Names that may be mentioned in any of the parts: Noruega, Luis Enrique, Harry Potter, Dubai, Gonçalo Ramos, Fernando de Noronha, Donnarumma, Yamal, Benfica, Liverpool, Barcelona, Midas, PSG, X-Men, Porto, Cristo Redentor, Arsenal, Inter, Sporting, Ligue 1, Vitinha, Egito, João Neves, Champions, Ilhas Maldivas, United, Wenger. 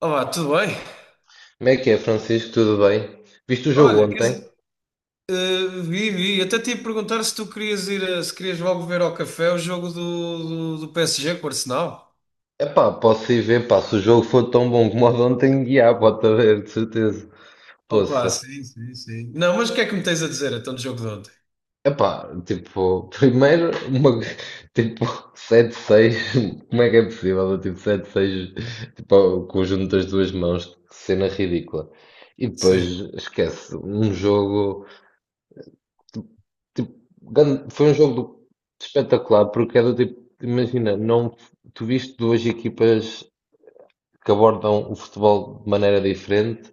Olá, tudo bem? Como é que é, Francisco? Tudo bem? Viste o jogo Olha, quer dizer, ontem? Vi. Até te ia perguntar se tu querias ir, se querias logo ver ao café o jogo do PSG com o Arsenal. Epá, posso ir ver, pá, se o jogo for tão bom como o de ontem, guiar, pode haver, de certeza. Opa, Poça. sim, sim, sim. Não, mas o que é que me tens a dizer então do jogo de ontem? Epá, tipo, primeiro, uma, tipo, sete seis. Como é que é possível? Tipo, sete seis, tipo, o conjunto das duas mãos, que cena ridícula. E depois, Sim. esquece, um jogo, tipo, foi um espetacular, porque era tipo, imagina, não, tu viste duas equipas que abordam o futebol de maneira diferente,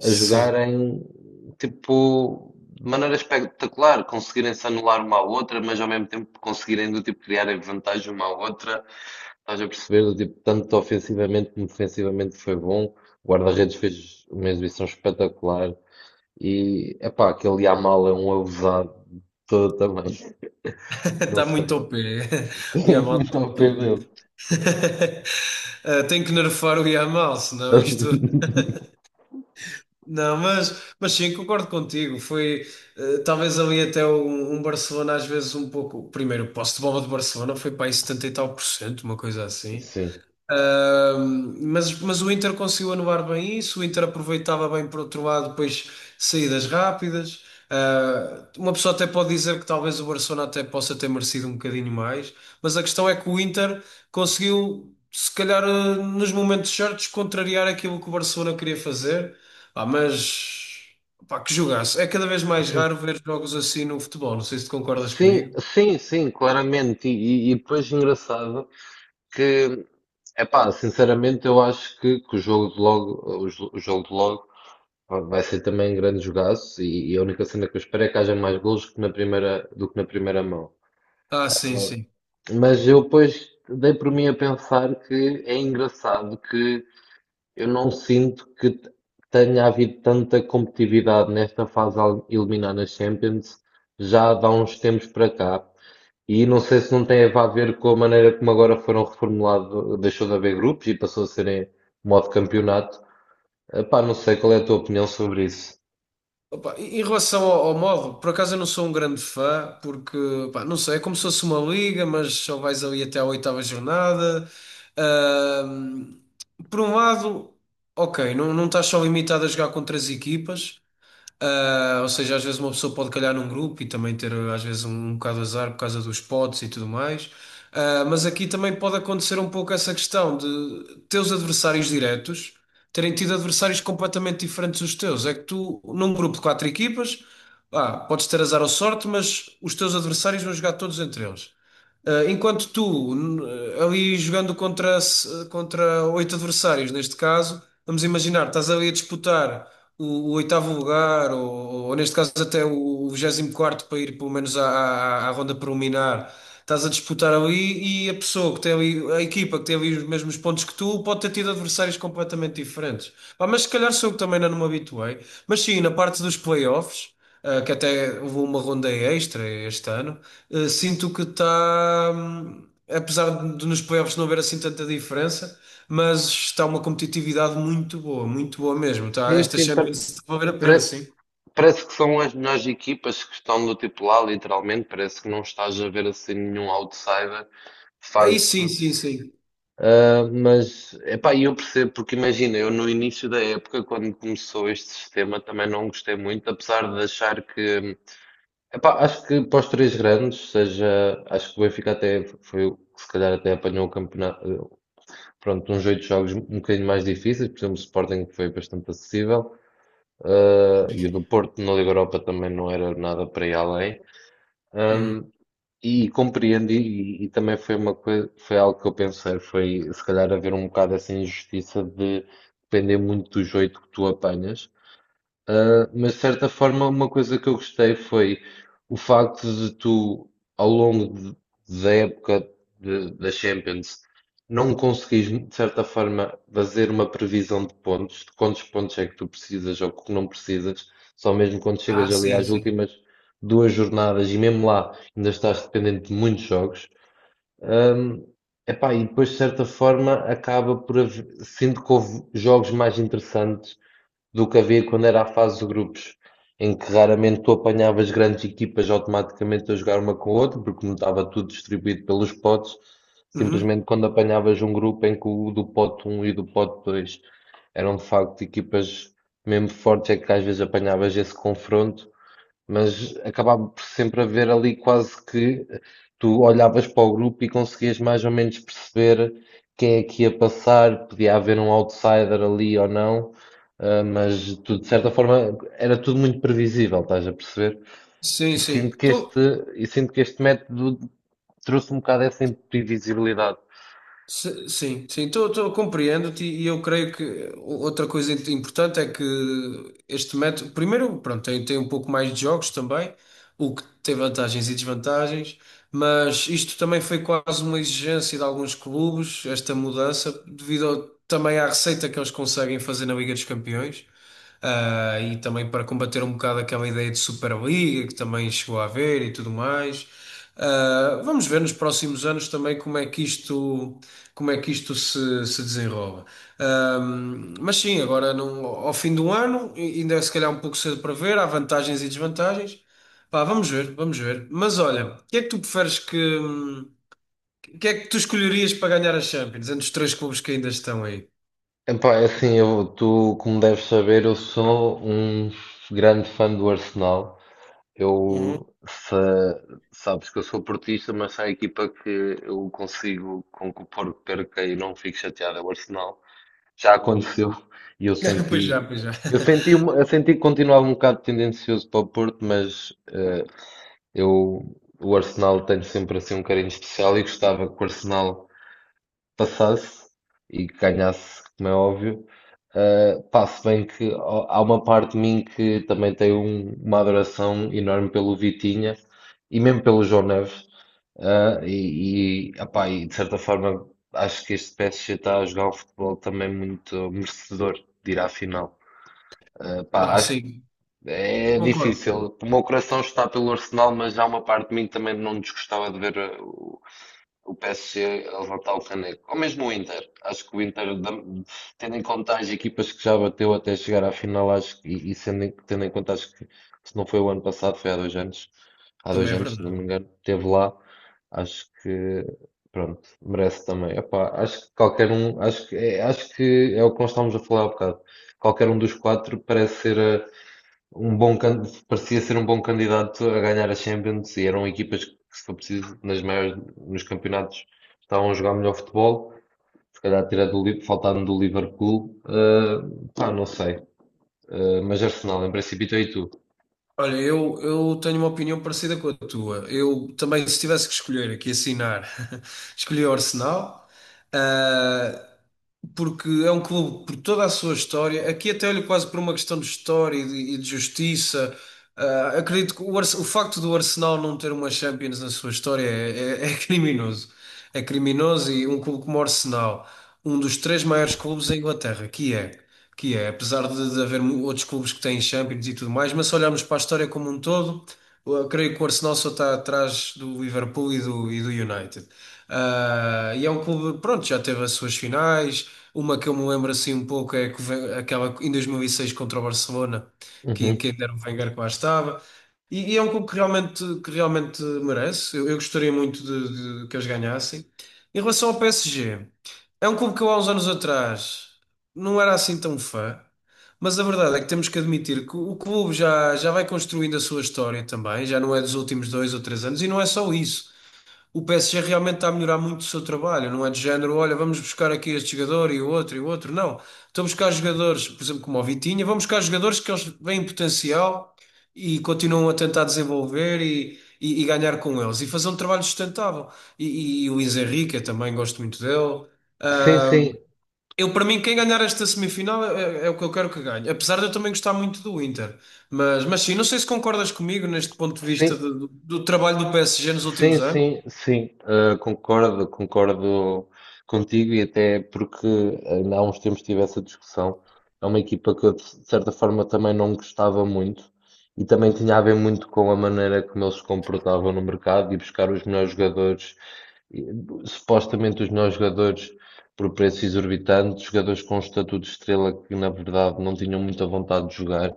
a Sim. jogarem tipo de maneira espetacular, conseguirem-se anular uma à outra, mas ao mesmo tempo conseguirem do tipo criarem vantagem uma à outra. Estás a perceber do tipo, tanto ofensivamente como defensivamente foi bom. O guarda-redes fez uma exibição espetacular e epá, aquele Yamal é um abusado todo também. Não Está sei. muito OP. O Tenho Yamal está muito ao muito pé dele. OP. Tem que nerfar o Yamal, senão isto. Não, mas sim, concordo contigo. Foi talvez ali até um Barcelona, às vezes um pouco. Primeiro, o posse de bola de Barcelona foi para aí 70 e tal por cento, uma coisa assim. Sim. Mas o Inter conseguiu anular bem isso, o Inter aproveitava bem por outro lado, depois saídas rápidas. Ah, uma pessoa até pode dizer que talvez o Barcelona até possa ter merecido um bocadinho mais, mas a questão é que o Inter conseguiu, se calhar, ah, nos momentos certos, contrariar aquilo que o Barcelona queria fazer. Ah, mas pá, que jogaço! É cada vez mais raro ver jogos assim no futebol. Não sei se tu concordas Sim, comigo. sim, sim, claramente. E depois engraçado que, epá, sinceramente eu acho que o jogo de logo, o jogo de logo vai ser também um grande jogaço e a única cena que eu espero é que haja mais golos que na primeira, do que na primeira mão. Ah, sim, sim. Mas eu depois dei por mim a pensar que é engraçado que eu não sinto que tenha havido tanta competitividade nesta fase a eliminar nas Champions já de há uns tempos para cá. E não sei se não tem a ver com a maneira como agora foram reformulados, deixou de haver grupos e passou a serem modo campeonato. Epá, não sei qual é a tua opinião sobre isso. Opa, em relação ao, ao modo, por acaso eu não sou um grande fã, porque, pá, não sei, é como se fosse uma liga, mas só vais ali até à oitava jornada. Ahm, por um lado, ok, não, não estás só limitado a jogar contra as equipas, ah, ou seja, às vezes uma pessoa pode calhar num grupo e também ter às vezes um bocado de azar por causa dos potes e tudo mais. Ah, mas aqui também pode acontecer um pouco essa questão de teus adversários diretos terem tido adversários completamente diferentes dos teus. É que tu, num grupo de quatro equipas, ah, podes ter azar ou sorte, mas os teus adversários vão jogar todos entre eles. Enquanto tu, ali jogando contra, contra oito adversários, neste caso, vamos imaginar, estás ali a disputar o oitavo lugar, ou neste caso até o vigésimo quarto para ir pelo menos à ronda preliminar, estás a disputar ali e a pessoa que tem ali, a equipa que tem ali os mesmos pontos que tu, pode ter tido adversários completamente diferentes. Pá, mas se calhar sou eu que também ainda não me habituei. Mas sim, na parte dos playoffs, que até houve uma ronda extra este ano. Sinto que está, apesar de nos playoffs não haver assim tanta diferença, mas está uma competitividade muito boa mesmo. Tá? Sim, Esta sim, Champions está a valer a pena, pare- sim. parece que são as melhores equipas que estão do tipo lá, literalmente. Parece que não estás a ver assim nenhum outsider, de Aí sim, facto. sim, sim. Ah, mas, epá, eu percebo, porque imagina, eu no início da época, quando começou este sistema, também não gostei muito, apesar de achar que. Epá, acho que para os três grandes, seja, acho que o Benfica até foi o que se calhar até apanhou o campeonato, pronto, uns oito jogos um bocadinho mais difíceis, por exemplo, o Sporting foi bastante acessível, e o do Porto na Liga Europa também não era nada para ir além. Uhum. Ahm, e compreendi, também foi uma coisa, foi algo que eu pensei, foi se calhar haver um bocado essa injustiça de depender muito dos oito que tu apanhas. Mas de certa forma, uma coisa que eu gostei foi o facto de tu, ao longo de- da época da Champions, não conseguires, de certa forma, fazer uma previsão de pontos, de quantos pontos é que tu precisas ou que não precisas, só mesmo quando Ah, chegas ali sim, às sim. últimas duas jornadas e mesmo lá ainda estás dependente de muitos jogos. Um, Epá, e depois, de certa forma, acaba por haver, sinto que houve jogos mais interessantes do que havia quando era a fase de grupos, em que raramente tu apanhavas grandes equipas automaticamente a jogar uma com a outra, porque não estava tudo distribuído pelos potes, Uhum. simplesmente quando apanhavas um grupo em que o do pote um e do pote 2 eram de facto equipas mesmo fortes, é que às vezes apanhavas esse confronto mas acabava por sempre haver ali quase que tu olhavas para o grupo e conseguias mais ou menos perceber quem é que ia passar, podia haver um outsider ali ou não, ah, mas tu, de certa forma era tudo muito previsível, estás a perceber? Sim, E sinto sim. que este, Tô, e sinto que este método trouxe um bocado essa imprevisibilidade. Sim, sim. Tô, tô, compreendo-te e eu creio que outra coisa importante é que este método, primeiro, pronto, tem, tem um pouco mais de jogos também, o que tem vantagens e desvantagens, mas isto também foi quase uma exigência de alguns clubes, esta mudança, devido também à receita que eles conseguem fazer na Liga dos Campeões. Ah, e também para combater um bocado aquela ideia de Superliga que também chegou a haver e tudo mais. Ah, vamos ver nos próximos anos também como é que isto, como é que isto se desenrola. Mas sim, agora ao fim do ano, ainda é se calhar um pouco cedo para ver, há vantagens e desvantagens. Pá, vamos ver, vamos ver. Mas olha, o que é que tu preferes que. O que é que tu escolherias para ganhar a Champions, entre os três clubes que ainda estão aí? Epá, é assim, eu, tu, como deves saber, eu sou um grande fã do Arsenal. Uhum. Eu, sa- Sabes que eu sou portista, mas se há equipa que eu consigo com que o Porto perca e não fico chateado, é o Arsenal. Já aconteceu e Pois já, pois já. Eu senti que continuava um bocado tendencioso para o Porto, mas eu, o Arsenal tem sempre assim um carinho especial e gostava que o Arsenal passasse e que ganhasse, como é óbvio. Pá, se bem que ó, há uma parte de mim que também tem uma adoração enorme pelo Vitinha e mesmo pelo João Neves. Opá, e de certa forma acho que este PSG está a jogar um futebol também muito merecedor de ir à final. Pá, Pá, acho que sim, é concordo. difícil. O meu coração está pelo Arsenal, mas há uma parte de mim que também não desgostava de ver o PSG a levantar o caneco. Ou mesmo o Inter. Acho que o Inter, tendo em conta as equipas que já bateu até chegar à final, acho que, sendo, tendo em conta, acho que se não foi o ano passado, foi há dois Também é anos, se não me verdade. engano, esteve lá. Acho que, pronto, merece também. Epá, acho que qualquer um, acho que é o que nós estávamos a falar há bocado. Qualquer um dos quatro parece ser um parecia ser um bom candidato a ganhar a Champions e eram equipas que, se for preciso, nas maiores, nos campeonatos estavam a jogar melhor futebol. Se calhar tirar faltando do Liverpool, pá, não sei. Mas Arsenal, em princípio, e tu? Olha, eu tenho uma opinião parecida com a tua. Eu também, se tivesse que escolher aqui, assinar, escolhi o Arsenal. Ah, porque é um clube por toda a sua história. Aqui até olho quase por uma questão de história e de justiça. Ah, acredito que o facto do Arsenal não ter uma Champions na sua história é, é criminoso. É criminoso, e um clube como o Arsenal, um dos três maiores clubes da Inglaterra, que é, apesar de haver outros clubes que têm Champions e tudo mais, mas se olharmos para a história como um todo, eu creio que o Arsenal só está atrás do Liverpool e do United. Ah, e é um clube, pronto, já teve as suas finais, uma que eu me lembro assim um pouco é que aquela em 2006 contra o Barcelona, Uhum. que ainda era o Wenger que lá estava. E é um clube que realmente merece. Eu gostaria muito de que eles ganhassem. Em relação ao PSG, é um clube que eu há uns anos atrás não era assim tão fã, mas a verdade é que temos que admitir que o clube já, já vai construindo a sua história também, já não é dos últimos dois ou três anos, e não é só isso. O PSG realmente está a melhorar muito o seu trabalho, não é de género, olha, vamos buscar aqui este jogador e o outro e o outro. Não, estão a buscar jogadores, por exemplo, como o Vitinha, vão buscar jogadores que eles veem potencial e continuam a tentar desenvolver e ganhar com eles e fazer um trabalho sustentável. E, e o Luis Enrique, eu também gosto muito dele. Sim, Ah, sim, eu, para mim, quem ganhar esta semifinal é, é o que eu quero que ganhe, apesar de eu também gostar muito do Inter. Mas sim, não sei se concordas comigo neste ponto de vista sim. do, do trabalho do PSG nos últimos Sim, anos. sim, sim, concordo contigo e até porque ainda há uns tempos tive essa discussão. É uma equipa que eu, de certa forma, também não gostava muito e também tinha a ver muito com a maneira como eles se comportavam no mercado e buscar os melhores jogadores, e, supostamente os melhores jogadores por preços exorbitantes, jogadores com um estatuto de estrela que, na verdade, não tinham muita vontade de jogar.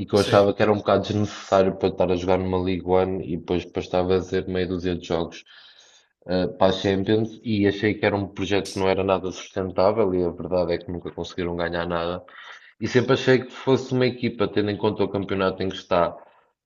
E que eu Sim. achava que era um bocado desnecessário para estar a jogar numa League One e depois para estar a fazer meia dúzia de jogos para a Champions e achei que era um projeto que não era nada sustentável e a verdade é que nunca conseguiram ganhar nada. E sempre achei que fosse uma equipa, tendo em conta o campeonato em que está,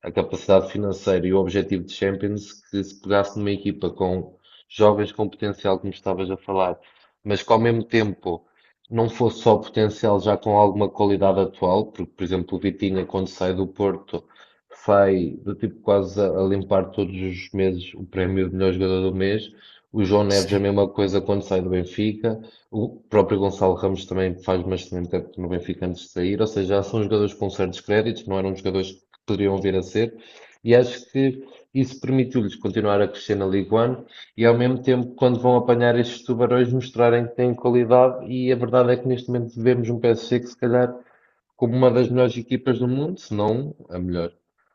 a capacidade financeira e o objetivo de Champions, que se pegasse numa equipa com jovens com potencial, como estavas a falar, mas que ao mesmo tempo não fosse só potencial já com alguma qualidade atual, porque, por exemplo, o Vitinha, quando sai do Porto, sai do tipo quase a limpar todos os meses o prémio de melhor jogador do mês. O João Neves, a Sim. mesma coisa quando sai do Benfica. O próprio Gonçalo Ramos também faz uma tempo no Benfica antes de sair, ou seja, já são jogadores com certos créditos, não eram jogadores que poderiam vir a ser, e acho que isso permitiu-lhes continuar a crescer na Ligue 1 e ao mesmo tempo, quando vão apanhar estes tubarões, mostrarem que têm qualidade. E a verdade é que neste momento vemos um PSG que, se calhar, como uma das melhores equipas do mundo, se não a melhor.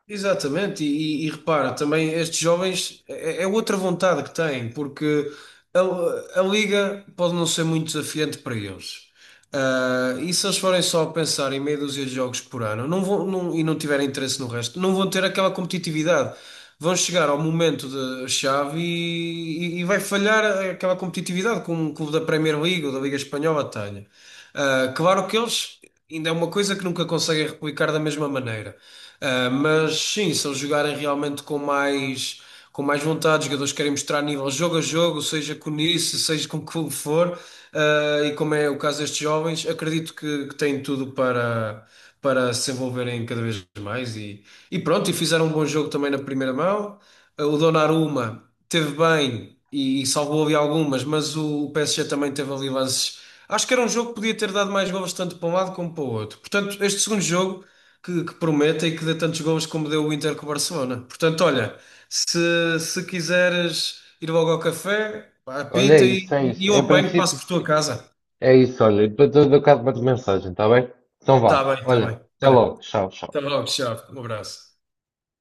Exatamente, e, e repara, também estes jovens é, é outra vontade que têm, porque a liga pode não ser muito desafiante para eles. Ah, e se eles forem só pensar em meia dúzia de jogos por ano, não vão, e não tiverem interesse no resto, não vão ter aquela competitividade. Vão chegar ao momento da chave e, e vai falhar aquela competitividade que um clube da Premier League ou da Liga Espanhola tenha. Ah, claro que eles ainda é uma coisa que nunca conseguem replicar da mesma maneira. Ah, mas sim, se eles jogarem realmente com mais vontade, os jogadores querem mostrar nível jogo a jogo, seja com isso, seja com o que for, ah, e como é o caso destes jovens, acredito que têm tudo para, para se envolverem cada vez mais. E pronto, e fizeram um bom jogo também na primeira mão. O Donnarumma teve bem e salvou ali algumas, mas o PSG também teve ali lances. Acho que era um jogo que podia ter dado mais golos tanto para um lado como para o outro. Portanto, este segundo jogo que promete e que dê tantos golos como deu o Inter com o Barcelona. Portanto, olha, se, se quiseres ir logo ao café, pá, Olha, é apita isso, é e isso. eu Em apanho, passo princípio, por tua casa. é isso. Olha, depois eu dou cá de mensagem, está bem? Então Tá vá. bem, tá Olha, bem. até Olha, logo. Tchau, até tchau. logo, tchau. Um abraço.